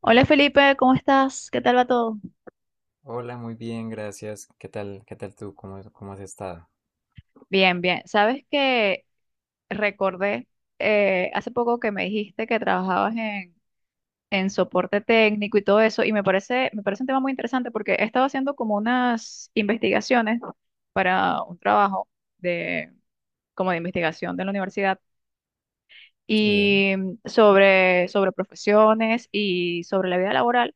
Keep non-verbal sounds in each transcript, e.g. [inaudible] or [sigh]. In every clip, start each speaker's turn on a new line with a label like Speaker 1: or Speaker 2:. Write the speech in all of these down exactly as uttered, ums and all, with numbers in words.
Speaker 1: Hola Felipe, ¿cómo estás? ¿Qué tal va todo?
Speaker 2: Hola, muy bien, gracias. ¿Qué tal? ¿Qué tal tú? ¿Cómo, cómo has estado?
Speaker 1: Bien, bien. Sabes que recordé eh, hace poco que me dijiste que trabajabas en, en soporte técnico y todo eso, y me parece, me parece un tema muy interesante porque he estado haciendo como unas investigaciones para un trabajo de, como de investigación de la universidad
Speaker 2: Sí,
Speaker 1: y mm, sobre, sobre profesiones y sobre la vida laboral.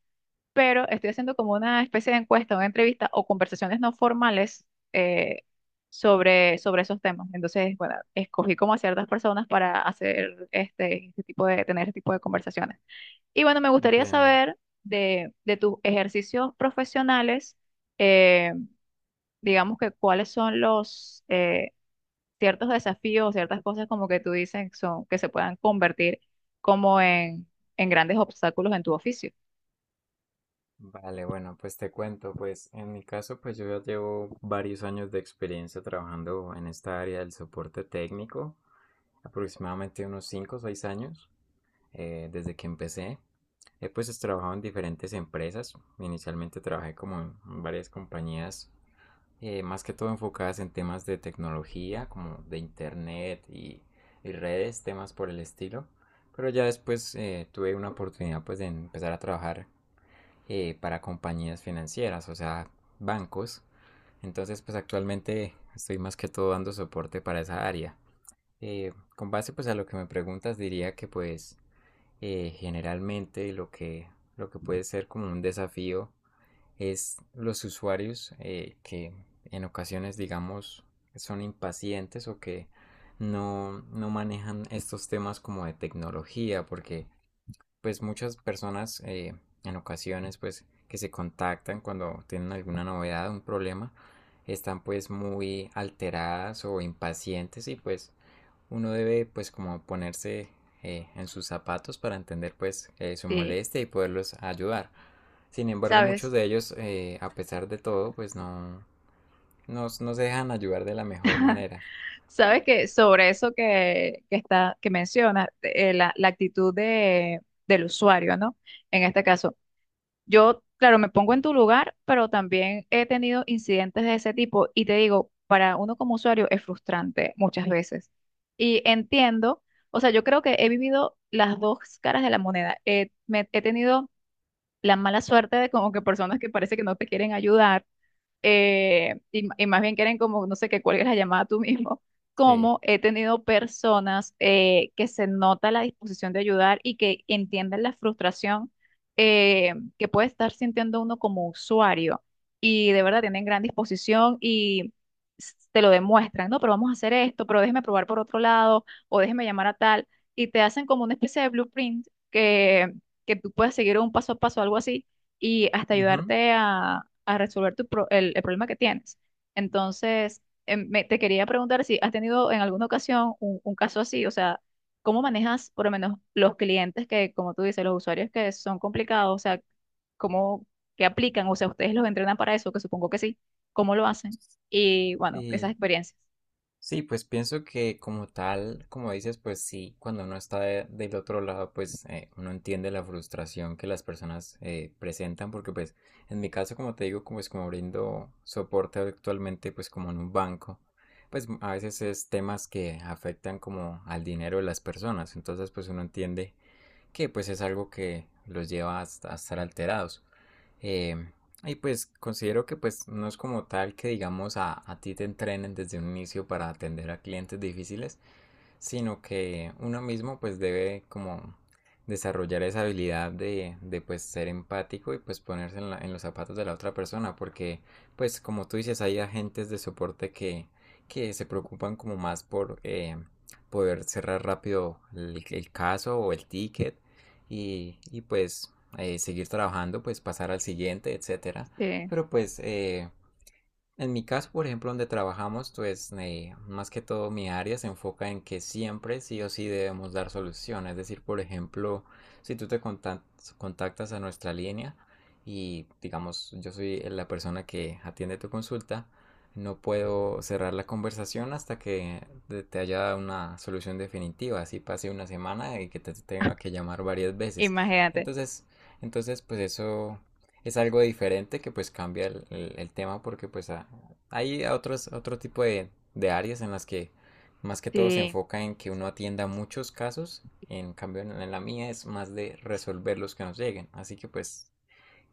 Speaker 1: Pero estoy haciendo como una especie de encuesta, una entrevista o conversaciones no formales, eh, sobre, sobre esos temas. Entonces, bueno, escogí como a ciertas personas para hacer este, este tipo de, tener este tipo de conversaciones. Y bueno, me gustaría
Speaker 2: comprendo.
Speaker 1: saber de, de tus ejercicios profesionales, eh, digamos que cuáles son los eh, ciertos desafíos, ciertas cosas como que tú dices son, que se puedan convertir como en, en grandes obstáculos en tu oficio.
Speaker 2: Vale, bueno, pues te cuento, pues en mi caso, pues yo ya llevo varios años de experiencia trabajando en esta área del soporte técnico, aproximadamente unos cinco o seis años, eh, desde que empecé. He pues trabajado en diferentes empresas. Inicialmente trabajé como en varias compañías eh, más que todo enfocadas en temas de tecnología, como de internet y, y redes, temas por el estilo. Pero ya después eh, tuve una oportunidad pues de empezar a trabajar eh, para compañías financieras, o sea, bancos. Entonces pues actualmente estoy más que todo dando soporte para esa área. Eh, con base pues a lo que me preguntas diría que pues eh, generalmente lo que, lo que puede ser como un desafío es los usuarios eh, que en ocasiones, digamos, son impacientes o que no, no manejan estos temas como de tecnología, porque pues muchas personas eh, en ocasiones pues que se contactan cuando tienen alguna novedad, un problema, están pues muy alteradas o impacientes y pues uno debe pues como ponerse eh, en sus zapatos para entender pues eh, su
Speaker 1: Sí,
Speaker 2: molestia y poderlos ayudar. Sin embargo, muchos
Speaker 1: sabes,
Speaker 2: de ellos, eh, a pesar de todo, pues no, no, no se dejan ayudar de la mejor manera.
Speaker 1: sabes que sobre eso que, que está, que mencionas, eh, la, la actitud de, del usuario, ¿no? En este caso, yo, claro, me pongo en tu lugar, pero también he tenido incidentes de ese tipo y te digo, para uno como usuario es frustrante muchas veces. Y entiendo, o sea, yo creo que he vivido las dos caras de la moneda. Eh, me- he tenido la mala suerte de como que personas que parece que no te quieren ayudar eh, y, y más bien quieren como, no sé, que cuelgues la llamada tú mismo, [laughs]
Speaker 2: Sí.
Speaker 1: como he tenido personas eh, que se nota la disposición de ayudar y que entienden la frustración eh, que puede estar sintiendo uno como usuario y de verdad tienen gran disposición y s- te lo demuestran, no, pero vamos a hacer esto, pero déjeme probar por otro lado o déjeme llamar a tal y te hacen como una especie de blueprint que, que tú puedes seguir un paso a paso, algo así y hasta
Speaker 2: Ujú.
Speaker 1: ayudarte a, a resolver tu pro- el, el problema que tienes. Entonces, em, me- te quería preguntar si has tenido en alguna ocasión un, un caso así, o sea, ¿cómo manejas por lo menos los clientes que, como tú dices, los usuarios que son complicados? O sea, cómo que aplican, o sea, ¿ustedes los entrenan para eso, que supongo que sí, ¿cómo lo hacen? Y bueno, esas
Speaker 2: Y,
Speaker 1: experiencias,
Speaker 2: Sí, pues pienso que como tal, como dices, pues sí, cuando uno está de- del otro lado, pues eh, uno entiende la frustración que las personas eh, presentan, porque pues en mi caso, como te digo, como es como brindo soporte actualmente, pues como en un banco, pues a veces es temas que afectan como al dinero de las personas, entonces pues uno entiende que pues es algo que los lleva a, a estar alterados. Eh, y pues considero que pues no es como tal que digamos a, a ti te entrenen desde un inicio para atender a clientes difíciles, sino que uno mismo pues debe como desarrollar esa habilidad de, de pues ser empático y pues ponerse en, la- en los zapatos de la otra persona porque pues como tú dices hay agentes de soporte que, que se preocupan como más por eh, poder cerrar rápido el, el caso o el ticket y, y pues eh, seguir trabajando, pues pasar al siguiente, etcétera.
Speaker 1: sí,
Speaker 2: Pero pues eh, en mi caso, por ejemplo, donde trabajamos, pues eh, más que todo mi área se enfoca en que siempre sí o sí debemos dar solución. Es decir, por ejemplo, si tú te contac- contactas a nuestra línea y digamos yo soy la persona que atiende tu consulta, no puedo cerrar la conversación hasta que te te haya dado una solución definitiva. Así pase una semana y que te tenga que llamar varias veces.
Speaker 1: imagínate.
Speaker 2: Entonces, entonces pues eso es algo diferente que pues cambia el, el- el tema porque pues a- hay otros, otro tipo de, de, áreas en las que más que todo se
Speaker 1: Sí.
Speaker 2: enfoca en que uno atienda muchos casos, en cambio en la mía es más de resolver los que nos lleguen, así que pues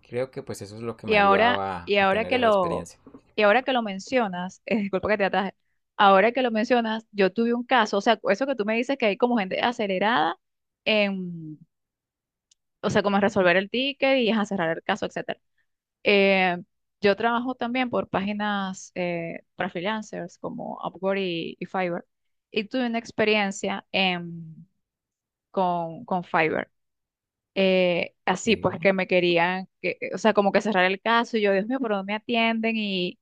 Speaker 2: creo que pues eso es lo que
Speaker 1: Y
Speaker 2: me ha ayudado
Speaker 1: ahora,
Speaker 2: a,
Speaker 1: y
Speaker 2: a
Speaker 1: ahora
Speaker 2: tener
Speaker 1: que
Speaker 2: esa
Speaker 1: lo,
Speaker 2: experiencia.
Speaker 1: y ahora que lo mencionas, [laughs] eh, disculpa que te ataje, ahora que lo mencionas, yo tuve un caso, o sea, eso que tú me dices que hay como gente acelerada en, o sea, como en resolver el ticket y a cerrar el caso, etcétera. Eh, yo trabajo también por páginas eh, para freelancers como Upwork y, y Fiverr, y tuve una experiencia en- con, con Fiverr. Eh, así pues
Speaker 2: Sí,
Speaker 1: que me querían, que, o sea, como que cerrar el caso y yo, Dios mío, ¿por dónde me atienden?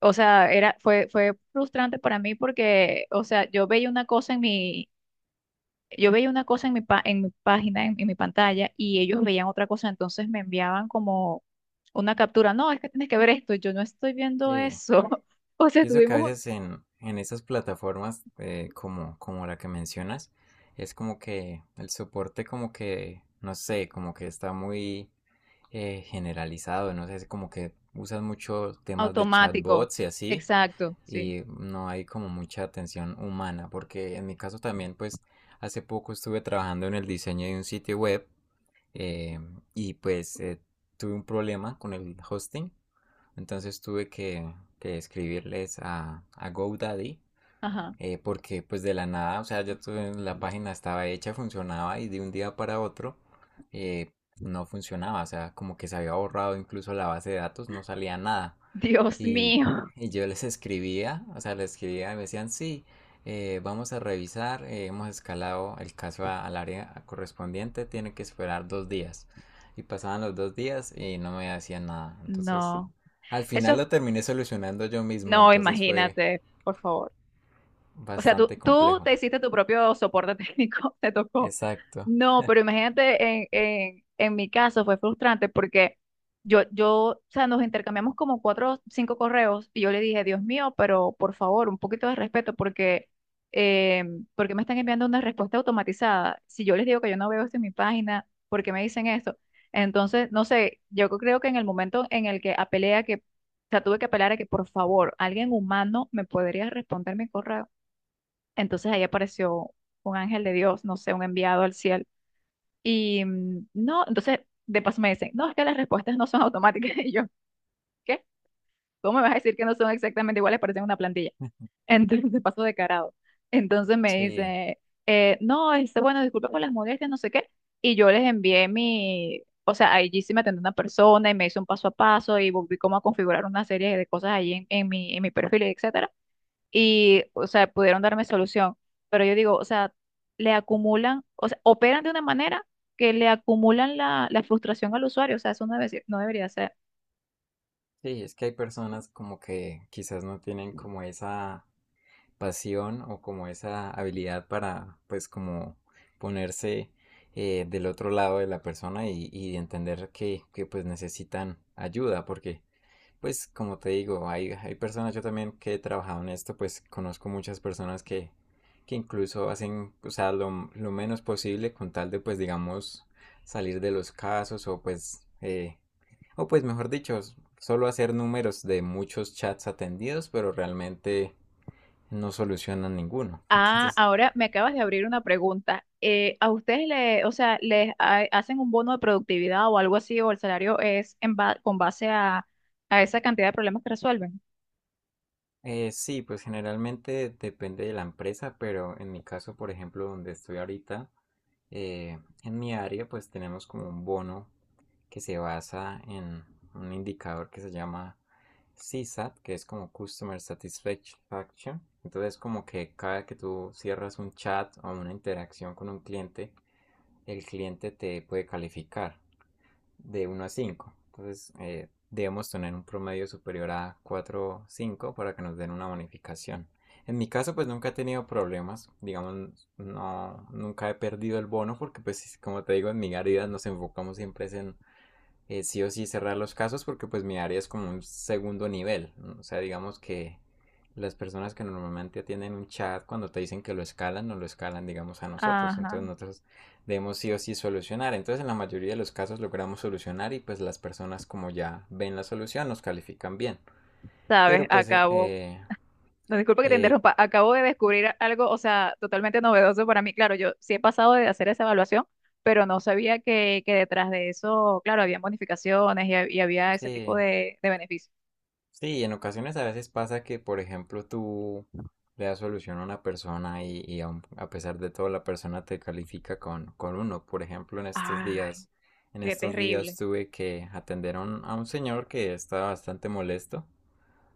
Speaker 1: O sea, era, fue, fue frustrante para mí porque, o sea, yo veía una cosa en mi, yo veía una cosa en mi, pa- en mi página, en, en mi pantalla, y ellos veían otra cosa, entonces me enviaban como una captura. No, es que tienes que ver esto, y yo no estoy viendo
Speaker 2: sí.
Speaker 1: eso. [laughs] O sea,
Speaker 2: Pienso que a
Speaker 1: tuvimos un
Speaker 2: veces en, en esas plataformas eh, como, como la que mencionas, es como que el soporte como que, no sé, como que está muy eh, generalizado, no sé, es como que usan mucho temas de
Speaker 1: automático.
Speaker 2: chatbots y así,
Speaker 1: Exacto, sí.
Speaker 2: y no hay como mucha atención humana, porque en mi caso también, pues hace poco estuve trabajando en el diseño de un sitio web eh, y pues eh, tuve un problema con el hosting, entonces tuve que, que escribirles a, a GoDaddy
Speaker 1: Ajá.
Speaker 2: eh, porque pues de la nada, o sea, ya tuve- la página estaba hecha, funcionaba y de un día para otro eh, no funcionaba, o sea, como que se había borrado incluso la base de datos, no salía nada.
Speaker 1: [laughs] Dios
Speaker 2: Y,
Speaker 1: mío.
Speaker 2: y yo les escribía, o sea, les escribía y me decían, sí, eh, vamos a revisar, eh, hemos escalado el caso a- al área correspondiente, tiene que esperar dos días. Y pasaban los dos días y no me hacían nada. Entonces,
Speaker 1: No.
Speaker 2: al final
Speaker 1: Eso,
Speaker 2: lo terminé solucionando yo mismo,
Speaker 1: no,
Speaker 2: entonces fue
Speaker 1: imagínate, por favor. O sea, tú,
Speaker 2: bastante
Speaker 1: tú
Speaker 2: complejo.
Speaker 1: te hiciste tu propio soporte técnico, [laughs] te tocó.
Speaker 2: Exacto,
Speaker 1: No, pero imagínate, en, en, en mi caso fue frustrante porque yo, yo, o sea, nos intercambiamos como cuatro o cinco correos y yo le dije, Dios mío, pero por favor, un poquito de respeto porque, eh, porque me están enviando una respuesta automatizada. Si yo les digo que yo no veo esto en mi página, ¿por qué me dicen esto? Entonces, no sé, yo creo que en el momento en el que apelé a que, o sea, tuve que apelar a que por favor, alguien humano me podría responder mi correo entonces ahí apareció un ángel de Dios, no sé, un enviado al cielo. Y mm, no, entonces de paso me dicen, no, es que las respuestas no son automáticas. [laughs] Y yo, ¿qué? ¿Cómo me vas a decir que no son exactamente iguales? Parecen una plantilla. [laughs] Entonces de paso de carado. Entonces me
Speaker 2: sí,
Speaker 1: dice, eh, no, este, bueno, disculpa por las molestias, no sé qué. Y yo les envié mi, o sea, allí sí me atendió una persona y me hizo un paso a paso y volví como a configurar una serie de cosas ahí en, en mi, en mi perfil, etc y, o sea, pudieron darme solución. Pero yo digo, o sea, le acumulan, o sea, operan de una manera que le acumulan la, la frustración al usuario, o sea, eso no debe ser- no debería ser.
Speaker 2: sí, es que hay personas como que quizás no tienen como esa pasión o como esa habilidad para pues como ponerse eh, del otro lado de la persona y, y, entender que, que, pues necesitan ayuda porque pues como te digo, hay, hay personas yo también que he trabajado en esto pues conozco muchas personas que, que incluso hacen o sea lo, lo menos posible con tal de pues digamos salir de los casos o pues eh, O pues mejor dicho, solo hacer números de muchos chats atendidos, pero realmente no solucionan ninguno. [laughs]
Speaker 1: Ah,
Speaker 2: Entonces,
Speaker 1: ahora me acabas de abrir una pregunta. Eh, ¿a ustedes le, o sea, les ha- hacen un bono de productividad o algo así, o el salario es en ba- con base a, a esa cantidad de problemas que resuelven?
Speaker 2: Eh, sí, pues generalmente depende de la empresa, pero en mi caso, por ejemplo, donde estoy ahorita, eh, en mi área, pues tenemos como un bono que se basa en un indicador que se llama CSAT, que es como Customer Satisfaction. Entonces, como que cada que tú cierras un chat o una interacción con un cliente, el cliente te puede calificar de uno a cinco. Entonces, eh, debemos tener un promedio superior a cuatro o cinco para que nos den una bonificación. En mi caso, pues nunca he tenido problemas, digamos, no, nunca he perdido el bono porque, pues, como te digo, en mi garida nos enfocamos siempre en eh, sí o sí cerrar los casos porque pues mi área es como un segundo nivel. ¿No? O sea, digamos que las personas que normalmente atienden un chat cuando te dicen que lo escalan, no lo escalan, digamos, a nosotros.
Speaker 1: Ajá,
Speaker 2: Entonces nosotros debemos sí o sí solucionar. Entonces en la mayoría de los casos logramos solucionar y pues las personas como ya ven la solución nos califican bien.
Speaker 1: sabes,
Speaker 2: Pero pues
Speaker 1: acabo.
Speaker 2: eh,
Speaker 1: No, disculpa que te
Speaker 2: eh,
Speaker 1: interrumpa. Acabo de descubrir algo, o sea, totalmente novedoso para mí. Claro, yo sí he pasado de hacer esa evaluación, pero no sabía que, que detrás de eso, claro, había bonificaciones y, ha- y había ese tipo
Speaker 2: sí.
Speaker 1: de, de beneficios.
Speaker 2: Sí, en ocasiones a veces pasa que, por ejemplo, tú le das solución a una persona y, y aun- a pesar de todo la persona te califica con, con, uno. Por ejemplo, en estos
Speaker 1: Ay,
Speaker 2: días, en
Speaker 1: qué
Speaker 2: estos días
Speaker 1: terrible.
Speaker 2: tuve que atender a un, a un, señor que estaba bastante molesto,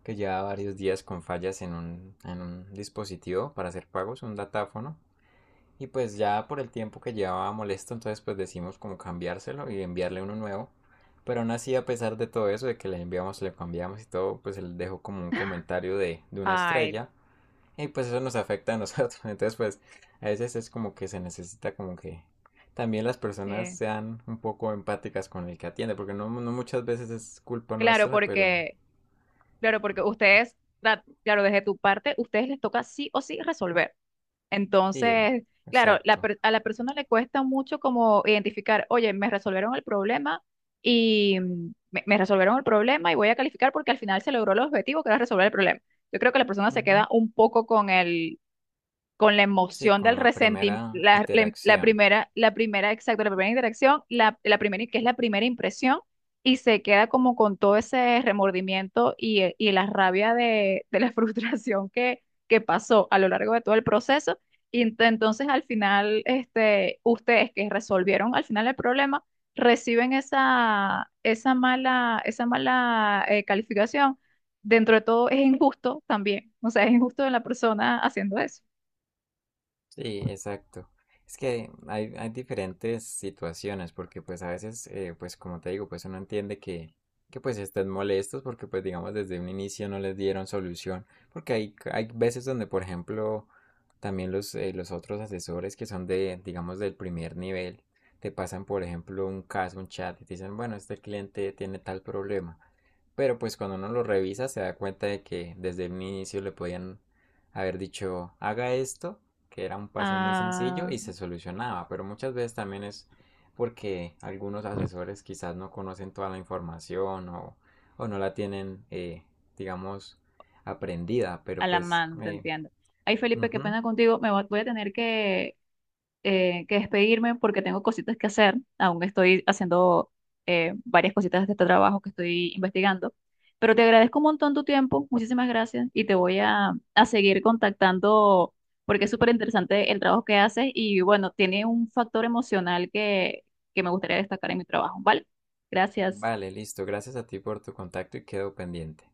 Speaker 2: que llevaba varios días con fallas en un, en un dispositivo para hacer pagos, un datáfono. Y pues ya por el tiempo que llevaba molesto, entonces pues decimos como cambiárselo y enviarle uno nuevo. Pero aún así, a pesar de todo eso, de que le enviamos, le cambiamos y todo, pues él dejó como un
Speaker 1: [laughs]
Speaker 2: comentario de, de una
Speaker 1: Ay, no.
Speaker 2: estrella. Y pues eso nos afecta a nosotros. [laughs] Entonces pues a veces es como que se necesita como que también las personas
Speaker 1: Sí.
Speaker 2: sean un poco empáticas con el que atiende. Porque no, no muchas veces es culpa
Speaker 1: Claro,
Speaker 2: nuestra, pero
Speaker 1: porque, claro, porque ustedes, la- claro, desde tu parte, ustedes les toca sí o sí resolver.
Speaker 2: sí,
Speaker 1: Entonces, claro, la
Speaker 2: exacto.
Speaker 1: per- a la persona le cuesta mucho como identificar, oye, me resolvieron el problema y mm, me, me resolvieron el problema y voy a calificar porque al final se logró el objetivo que era resolver el problema. Yo creo que la persona se
Speaker 2: Ujú.
Speaker 1: queda un poco con el, con la
Speaker 2: Sí,
Speaker 1: emoción del
Speaker 2: con la
Speaker 1: resentimiento,
Speaker 2: primera
Speaker 1: la, la- la
Speaker 2: interacción.
Speaker 1: primera, la primera, exacto, la primera interacción, la, la primera, que es la primera impresión, y se queda como con todo ese remordimiento y, eh, y la rabia de, de la [laughs] frustración que, que pasó a lo largo de todo el proceso. Y ent- entonces al final, este, ustedes que resolvieron al final el problema, reciben esa, esa mala, esa mala eh, calificación. Dentro de todo es injusto también, o sea, es injusto de la persona haciendo eso.
Speaker 2: Sí, exacto. Es que hay, hay diferentes situaciones, porque pues a veces, eh, pues como te digo, pues uno entiende que, que pues estén molestos porque pues digamos desde un inicio no les dieron solución, porque hay, hay veces donde, por ejemplo, también los, eh, los otros asesores que son de, digamos, del primer nivel, te pasan, por ejemplo, un caso, un chat y te dicen, bueno, este cliente tiene tal problema. Pero pues cuando uno lo revisa se da cuenta de que desde el inicio le podían haber dicho haga esto, que era un paso muy sencillo
Speaker 1: Ah,
Speaker 2: y se solucionaba, pero muchas veces también es porque algunos asesores quizás no conocen toda la información o, o no la tienen, eh, digamos, aprendida,
Speaker 1: a
Speaker 2: pero
Speaker 1: la
Speaker 2: pues...
Speaker 1: mano, te
Speaker 2: eh,
Speaker 1: entiendo. Ay, Felipe, qué
Speaker 2: Ujú.
Speaker 1: pena contigo. Me va- voy a tener que, eh, que despedirme porque tengo cositas que hacer. Aún estoy haciendo eh, varias cositas de este trabajo que estoy investigando. Pero te agradezco un montón tu tiempo. Muchísimas gracias. Y te voy a, a seguir contactando porque es súper interesante el trabajo que haces. Y bueno, tiene un factor emocional que, que me gustaría destacar en mi trabajo. ¿Vale? Gracias.
Speaker 2: Vale, listo. Gracias a ti por tu contacto y quedo pendiente.